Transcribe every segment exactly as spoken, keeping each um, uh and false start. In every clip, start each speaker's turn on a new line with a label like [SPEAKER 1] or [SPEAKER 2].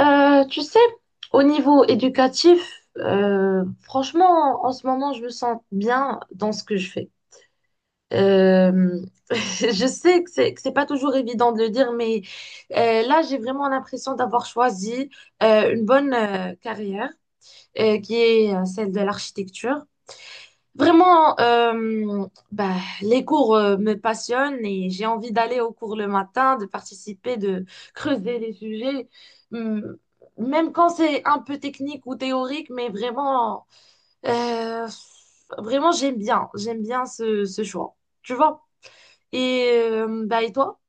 [SPEAKER 1] Euh, tu sais, au niveau éducatif, euh, franchement, en ce moment, je me sens bien dans ce que je fais. Euh, je sais que c'est que c'est pas toujours évident de le dire, mais euh, là, j'ai vraiment l'impression d'avoir choisi euh, une bonne euh, carrière euh, qui est euh, celle de l'architecture. Vraiment, euh, bah, les cours euh, me passionnent et j'ai envie d'aller au cours le matin, de participer, de creuser les sujets, Hum, même quand c'est un peu technique ou théorique, mais vraiment, euh, vraiment j'aime bien, j'aime bien ce, ce choix, tu vois. Et, euh, bah, et toi?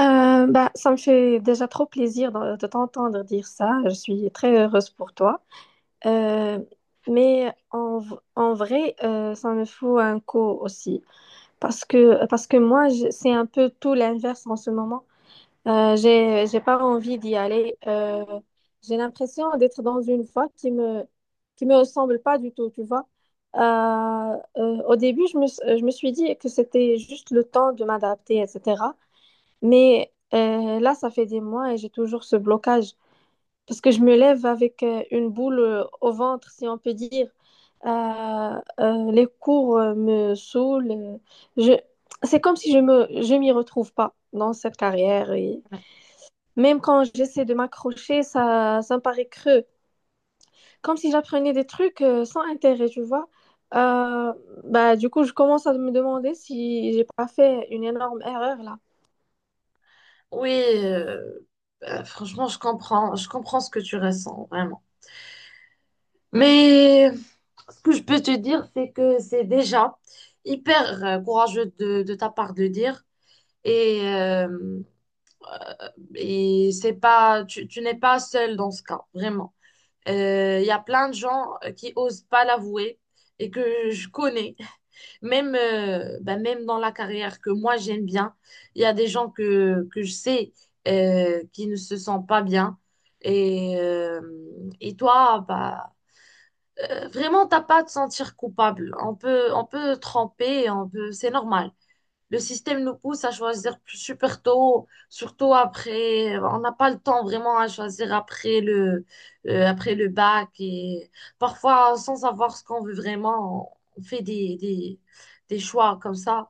[SPEAKER 2] Euh, bah, ça me fait déjà trop plaisir de, de t'entendre dire ça. Je suis très heureuse pour toi. Euh, mais en, v- en vrai, euh, ça me faut un coup aussi. Parce que, parce que moi, je- c'est un peu tout l'inverse en ce moment. Euh, j'ai, j'ai pas envie d'y aller. Euh, j'ai l'impression d'être dans une voie qui me, qui me ressemble pas du tout, tu vois. Euh, euh, au début, je me, je me suis dit que c'était juste le temps de m'adapter, et cetera. Mais euh, là, ça fait des mois et j'ai toujours ce blocage parce que je me lève avec euh, une boule euh, au ventre, si on peut dire. Euh, euh, les cours euh, me saoulent. euh, Je... C'est comme si je me... je m'y retrouve pas dans cette carrière. Et...
[SPEAKER 1] Ouais.
[SPEAKER 2] Même quand j'essaie de m'accrocher, ça... ça me paraît creux. Comme si j'apprenais des trucs euh, sans intérêt, tu vois. Euh, bah, du coup, je commence à me demander si j'ai pas fait une énorme erreur là.
[SPEAKER 1] Oui, euh, bah, franchement, je comprends, je comprends ce que tu ressens, vraiment. Mais ce que je peux te dire, c'est que c'est déjà hyper euh, courageux de, de ta part de dire. Et, euh, et c'est pas, tu, tu n'es pas seul dans ce cas, vraiment. Euh, Il y a plein de gens qui osent pas l'avouer et que je connais. Même, euh, bah, même dans la carrière que moi j'aime bien, il y a des gens que, que je sais euh, qui ne se sentent pas bien. Et, euh, et toi, bah, euh, vraiment, t'as pas à te sentir coupable. On peut, on peut tremper, on peut, c'est normal. Le système nous pousse à choisir plus- super tôt, surtout après. On n'a pas le temps vraiment à choisir après le, euh, après le bac et parfois sans savoir ce qu'on veut vraiment, on fait des, des, des choix comme ça.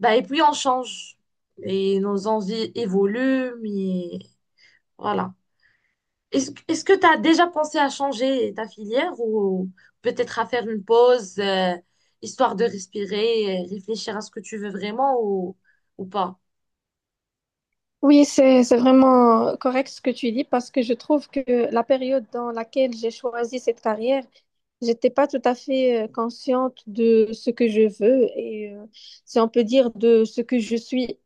[SPEAKER 1] Bah, et puis on change et nos envies évoluent, mais voilà. Est-ce, que est-ce que tu as déjà pensé à changer ta filière ou peut-être à faire une pause, euh, histoire de respirer, et réfléchir à ce que tu veux vraiment ou, ou pas?
[SPEAKER 2] Oui, c'est c'est vraiment correct ce que tu dis, parce que je trouve que la période dans laquelle j'ai choisi cette carrière, j'étais pas tout à fait euh, consciente de ce que je veux et euh, si on peut dire de ce que je suis.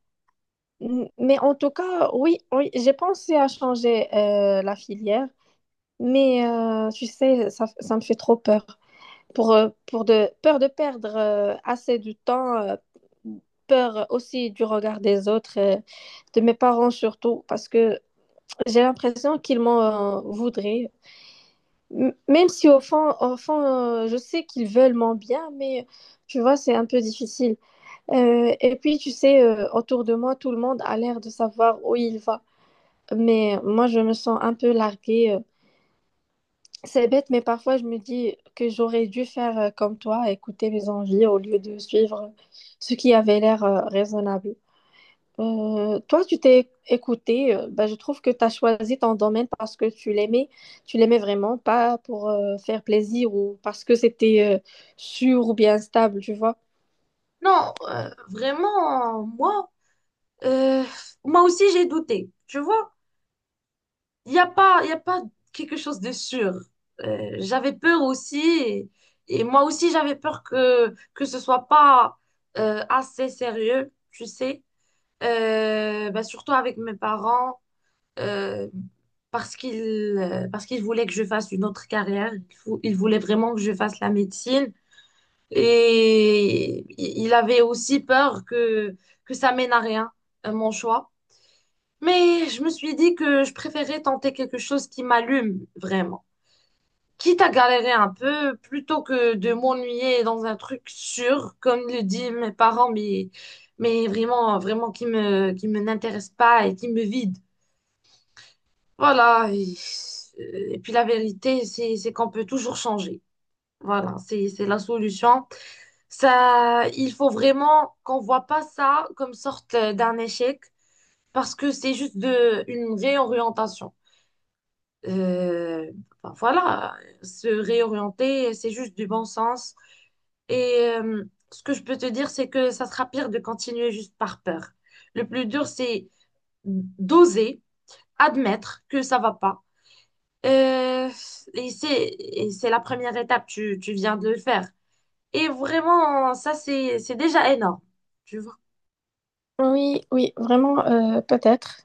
[SPEAKER 2] M- Mais en tout cas, oui, oui, j'ai pensé à changer euh, la filière, mais euh, tu sais, ça, ça me fait trop peur pour euh, pour de peur de perdre euh, assez de temps, euh, peur aussi du regard des autres, euh, de mes parents surtout, parce que j'ai l'impression qu'ils m'en euh, voudraient. M- Même si au fond, au fond euh, je sais qu'ils veulent mon bien, mais tu vois, c'est un peu difficile. Euh, et puis, tu sais, euh, autour de moi, tout le monde a l'air de savoir où il va. Mais moi, je me sens un peu larguée. Euh. C'est bête, mais parfois, je me dis que j'aurais dû faire euh, comme toi, écouter mes envies au lieu de suivre euh, ce qui avait l'air euh, raisonnable. Euh, toi, tu t'es écouté. Euh, ben, je trouve que tu as choisi ton domaine parce que tu l'aimais, tu l'aimais vraiment, pas pour euh, faire plaisir ou parce que c'était euh, sûr ou bien stable, tu vois.
[SPEAKER 1] Non, euh, vraiment, moi, euh, moi aussi j'ai douté. Tu vois, il n'y a pas, il y a pas quelque chose de sûr. Euh, j'avais peur aussi, et, et moi aussi j'avais peur que que ce soit pas euh, assez sérieux, tu sais. Euh, bah, surtout avec mes parents. euh, parce qu'il euh, parce qu'il voulait que je fasse une autre carrière. Il, fou- il voulait vraiment que je fasse la médecine. Et i- il avait aussi peur que, que ça mène à rien, euh, mon choix. Mais je me suis dit que je préférais tenter quelque chose qui m'allume vraiment. Quitte à galérer un peu, plutôt que de m'ennuyer dans un truc sûr, comme le disent mes parents, mais, mais vraiment, vraiment qui me, qui me n'intéresse pas et qui me vide. Voilà. Et, et puis la vérité, c'est, c'est qu'on peut toujours changer. Voilà, c'est, c'est la solution. Ça, il faut vraiment qu'on voit pas ça comme sorte euh, d'un échec parce que c'est juste de, une réorientation. Euh, ben voilà, se réorienter, c'est juste du bon sens. Et euh, ce que je peux te dire, c'est que ça sera pire de continuer juste par peur. Le plus dur, c'est d'oser admettre que ça va pas. Euh, et c'est, et c'est la première étape, tu, tu viens de le faire. Et vraiment, ça, c'est, c'est déjà énorme, tu vois.
[SPEAKER 2] Oui, oui, vraiment, euh, peut-être.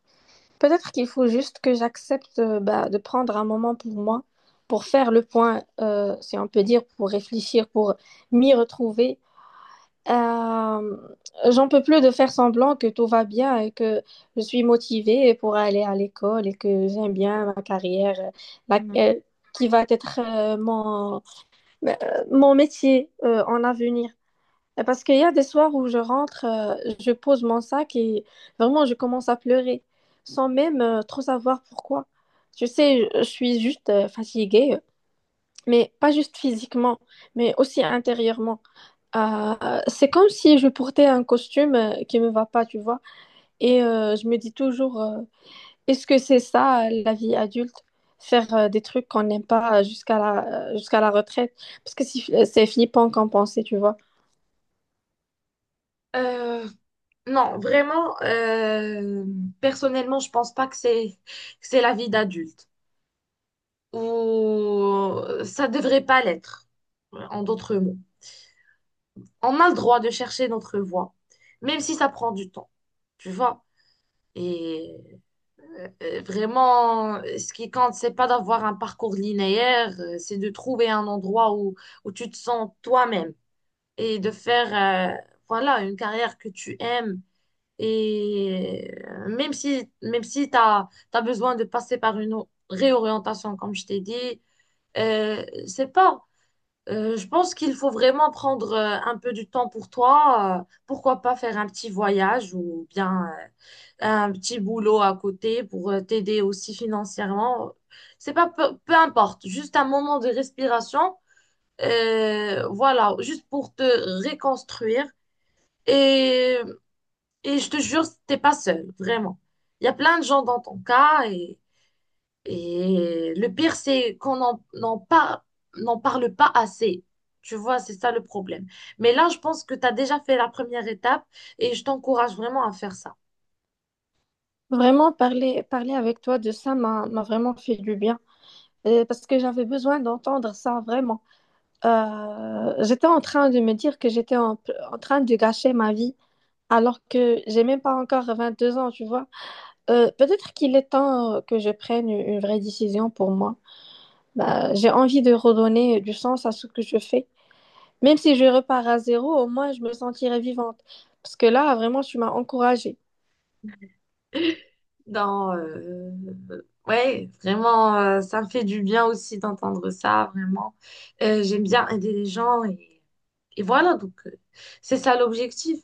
[SPEAKER 2] Peut-être qu'il faut juste que j'accepte euh, bah, de prendre un moment pour moi, pour faire le point, euh, si on peut dire, pour réfléchir, pour m'y retrouver. Euh, J'en peux plus de faire semblant que tout va bien et que je suis motivée pour aller à l'école et que j'aime bien ma carrière, euh, la-
[SPEAKER 1] Mm.
[SPEAKER 2] euh, qui va être euh, mon, euh, mon métier euh, en avenir. Et Parce qu'il y a des soirs où je rentre, euh, je pose mon sac et vraiment je commence à pleurer sans même euh, trop savoir pourquoi. Tu sais, je je suis juste euh, fatiguée, mais pas juste physiquement, mais aussi intérieurement. Euh, c'est comme si je portais un costume euh, qui me va pas, tu vois. Et euh, je me dis toujours, euh, est-ce que c'est ça euh, la vie adulte? Faire euh, des trucs qu'on n'aime pas euh, jusqu'à la, euh, jusqu'à la retraite? Parce que c'est c'est flippant qu'en penser, tu vois.
[SPEAKER 1] Euh, non, vraiment, euh, personnellement, je pense pas que c'est, que c'est la vie d'adulte. Ou ça devrait pas l'être, en d'autres mots. On a le droit de chercher notre voie, même si ça prend du temps, tu vois. Et Euh, vraiment, euh, ce qui compte, c'est pas d'avoir un parcours linéaire, euh, c'est de trouver un endroit où, où tu te sens toi-même et de faire, euh, voilà, une carrière que tu aimes. Et euh, même si, même si tu as, besoin de passer par une o- réorientation, comme je t'ai dit, euh, c'est pas. Euh, je pense qu'il faut vraiment prendre euh, un peu du temps pour toi. Euh, pourquoi pas faire un petit voyage ou bien euh, un petit boulot à côté pour euh, t'aider aussi financièrement. C'est pas peu, peu importe, juste un moment de respiration, euh, voilà, juste pour te reconstruire. Et, et je te jure, t'es pas seul, vraiment. Il y a plein de gens dans ton cas et, et le pire, c'est qu'on n'en n'en par- n'en parle pas assez. Tu vois, c'est ça le problème. Mais là, je pense que tu as déjà fait la première étape et je t'encourage vraiment à faire ça.
[SPEAKER 2] Vraiment, parler, parler avec toi de ça m'a m'a vraiment fait du bien. Euh, parce que j'avais besoin d'entendre ça, vraiment. Euh, j'étais en train de me dire que j'étais en en train de gâcher ma vie, alors que j'ai même pas encore vingt-deux ans, tu vois. Euh, peut-être qu'il est temps euh, que je prenne une une vraie décision pour moi. Bah, j'ai envie de redonner du sens à ce que je fais. Même si je repars à zéro, au moins je me sentirai vivante. Parce que là, vraiment, tu m'as encouragée.
[SPEAKER 1] dans, euh, ouais, vraiment, euh, ça me fait du bien aussi d'entendre ça, vraiment. Euh, j'aime bien aider les gens et, et voilà, donc euh, c'est ça l'objectif.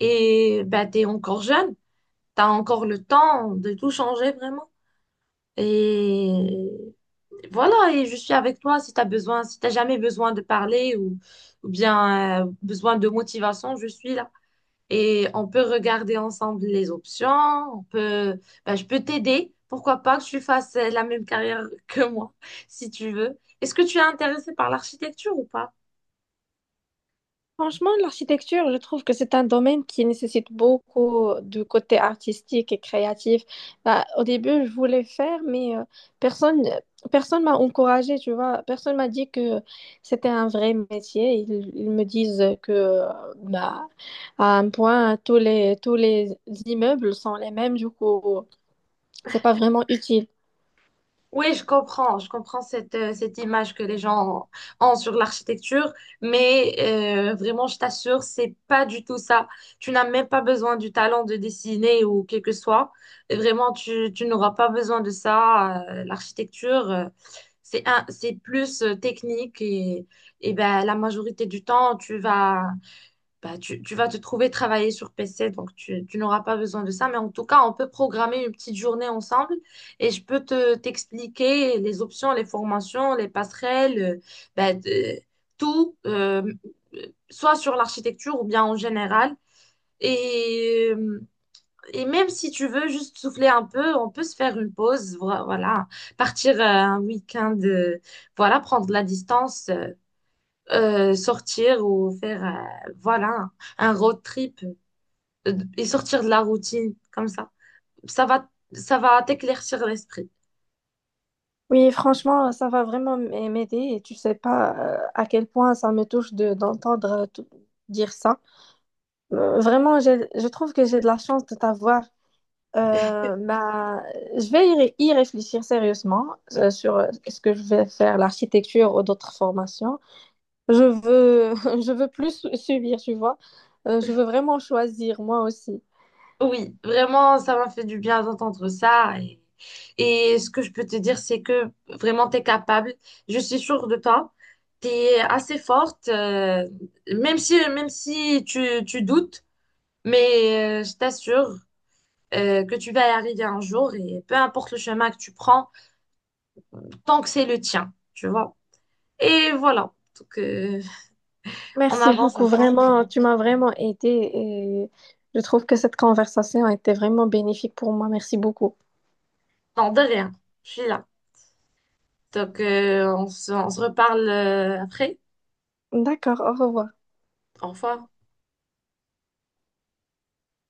[SPEAKER 1] Et bah, t'es encore jeune, t'as encore le temps de tout changer vraiment. Et voilà, et je suis avec toi si t'as besoin, si t'as jamais besoin de parler ou, ou bien euh, besoin de motivation, je suis là et on peut regarder ensemble les options. On peut, ben, je peux t'aider. Pourquoi pas que tu fasses euh, la même carrière que moi, si tu veux. Est-ce que tu es intéressé par l'architecture ou pas?
[SPEAKER 2] Franchement, l'architecture, je trouve que c'est un domaine qui nécessite beaucoup de côté artistique et créatif. Bah, au début, je voulais faire, mais euh, personne, personne m'a encouragée, tu vois. Personne m'a dit que c'était un vrai métier. Ils, ils me disent que, euh, bah, à un point, tous les, tous les immeubles sont les mêmes, du coup, c'est pas vraiment utile.
[SPEAKER 1] Oui, je comprends, je comprends cette, euh, cette image que les gens ont sur l'architecture, mais euh, vraiment, je t'assure, c'est pas du tout ça. Tu n'as même pas besoin du talent de dessiner ou quel que soit. Vraiment, tu, tu n'auras pas besoin de ça. Euh, L'architecture, euh, c'est un, c'est plus euh, technique et, et ben, la majorité du temps, tu vas, bah, tu, tu vas te trouver travailler sur P C, donc tu, tu n'auras pas besoin de ça. Mais en tout cas, on peut programmer une petite journée ensemble et je peux te t'expliquer les options, les formations, les passerelles, euh, bah, de- tout, euh, soit sur l'architecture ou bien en général. Et, euh, et même si tu veux juste souffler un peu, on peut se faire une pause, vo- voilà, partir euh, un week-end, euh, voilà, prendre de la distance. Euh, euh, sortir ou faire euh, voilà un, un road trip euh, et sortir de la routine comme ça. Ça va ça va t'éclaircir l'esprit.
[SPEAKER 2] Oui, franchement, ça va vraiment m- m'aider et tu sais pas euh, à quel point ça me touche de d'entendre euh, tout- dire ça. Euh, Vraiment, j'ai- je trouve que j'ai de la chance de t'avoir. Euh, bah, je vais y, ré- y réfléchir sérieusement euh, sur euh, ce que je vais faire, l'architecture ou d'autres formations. Je veux, je veux plus su- subir, tu vois. Euh, je veux vraiment choisir, moi aussi.
[SPEAKER 1] Oui, vraiment, ça m'a fait du bien d'entendre ça. Et, et ce que je peux te dire, c'est que vraiment, t'es capable. Je suis sûre de toi. T'es assez forte, euh, même si, même si tu, tu doutes, mais euh, je t'assure euh, que tu vas y arriver un jour et peu importe le chemin que tu prends, tant que c'est le tien, tu vois. Et voilà. Donc, euh, on
[SPEAKER 2] Merci
[SPEAKER 1] avance
[SPEAKER 2] beaucoup,
[SPEAKER 1] ensemble.
[SPEAKER 2] vraiment. Tu m'as vraiment aidée et je trouve que cette conversation a été vraiment bénéfique pour moi. Merci beaucoup.
[SPEAKER 1] Non, de rien. Je suis là. Donc, euh, on se, on se reparle euh, après.
[SPEAKER 2] D'accord, au revoir.
[SPEAKER 1] Au revoir.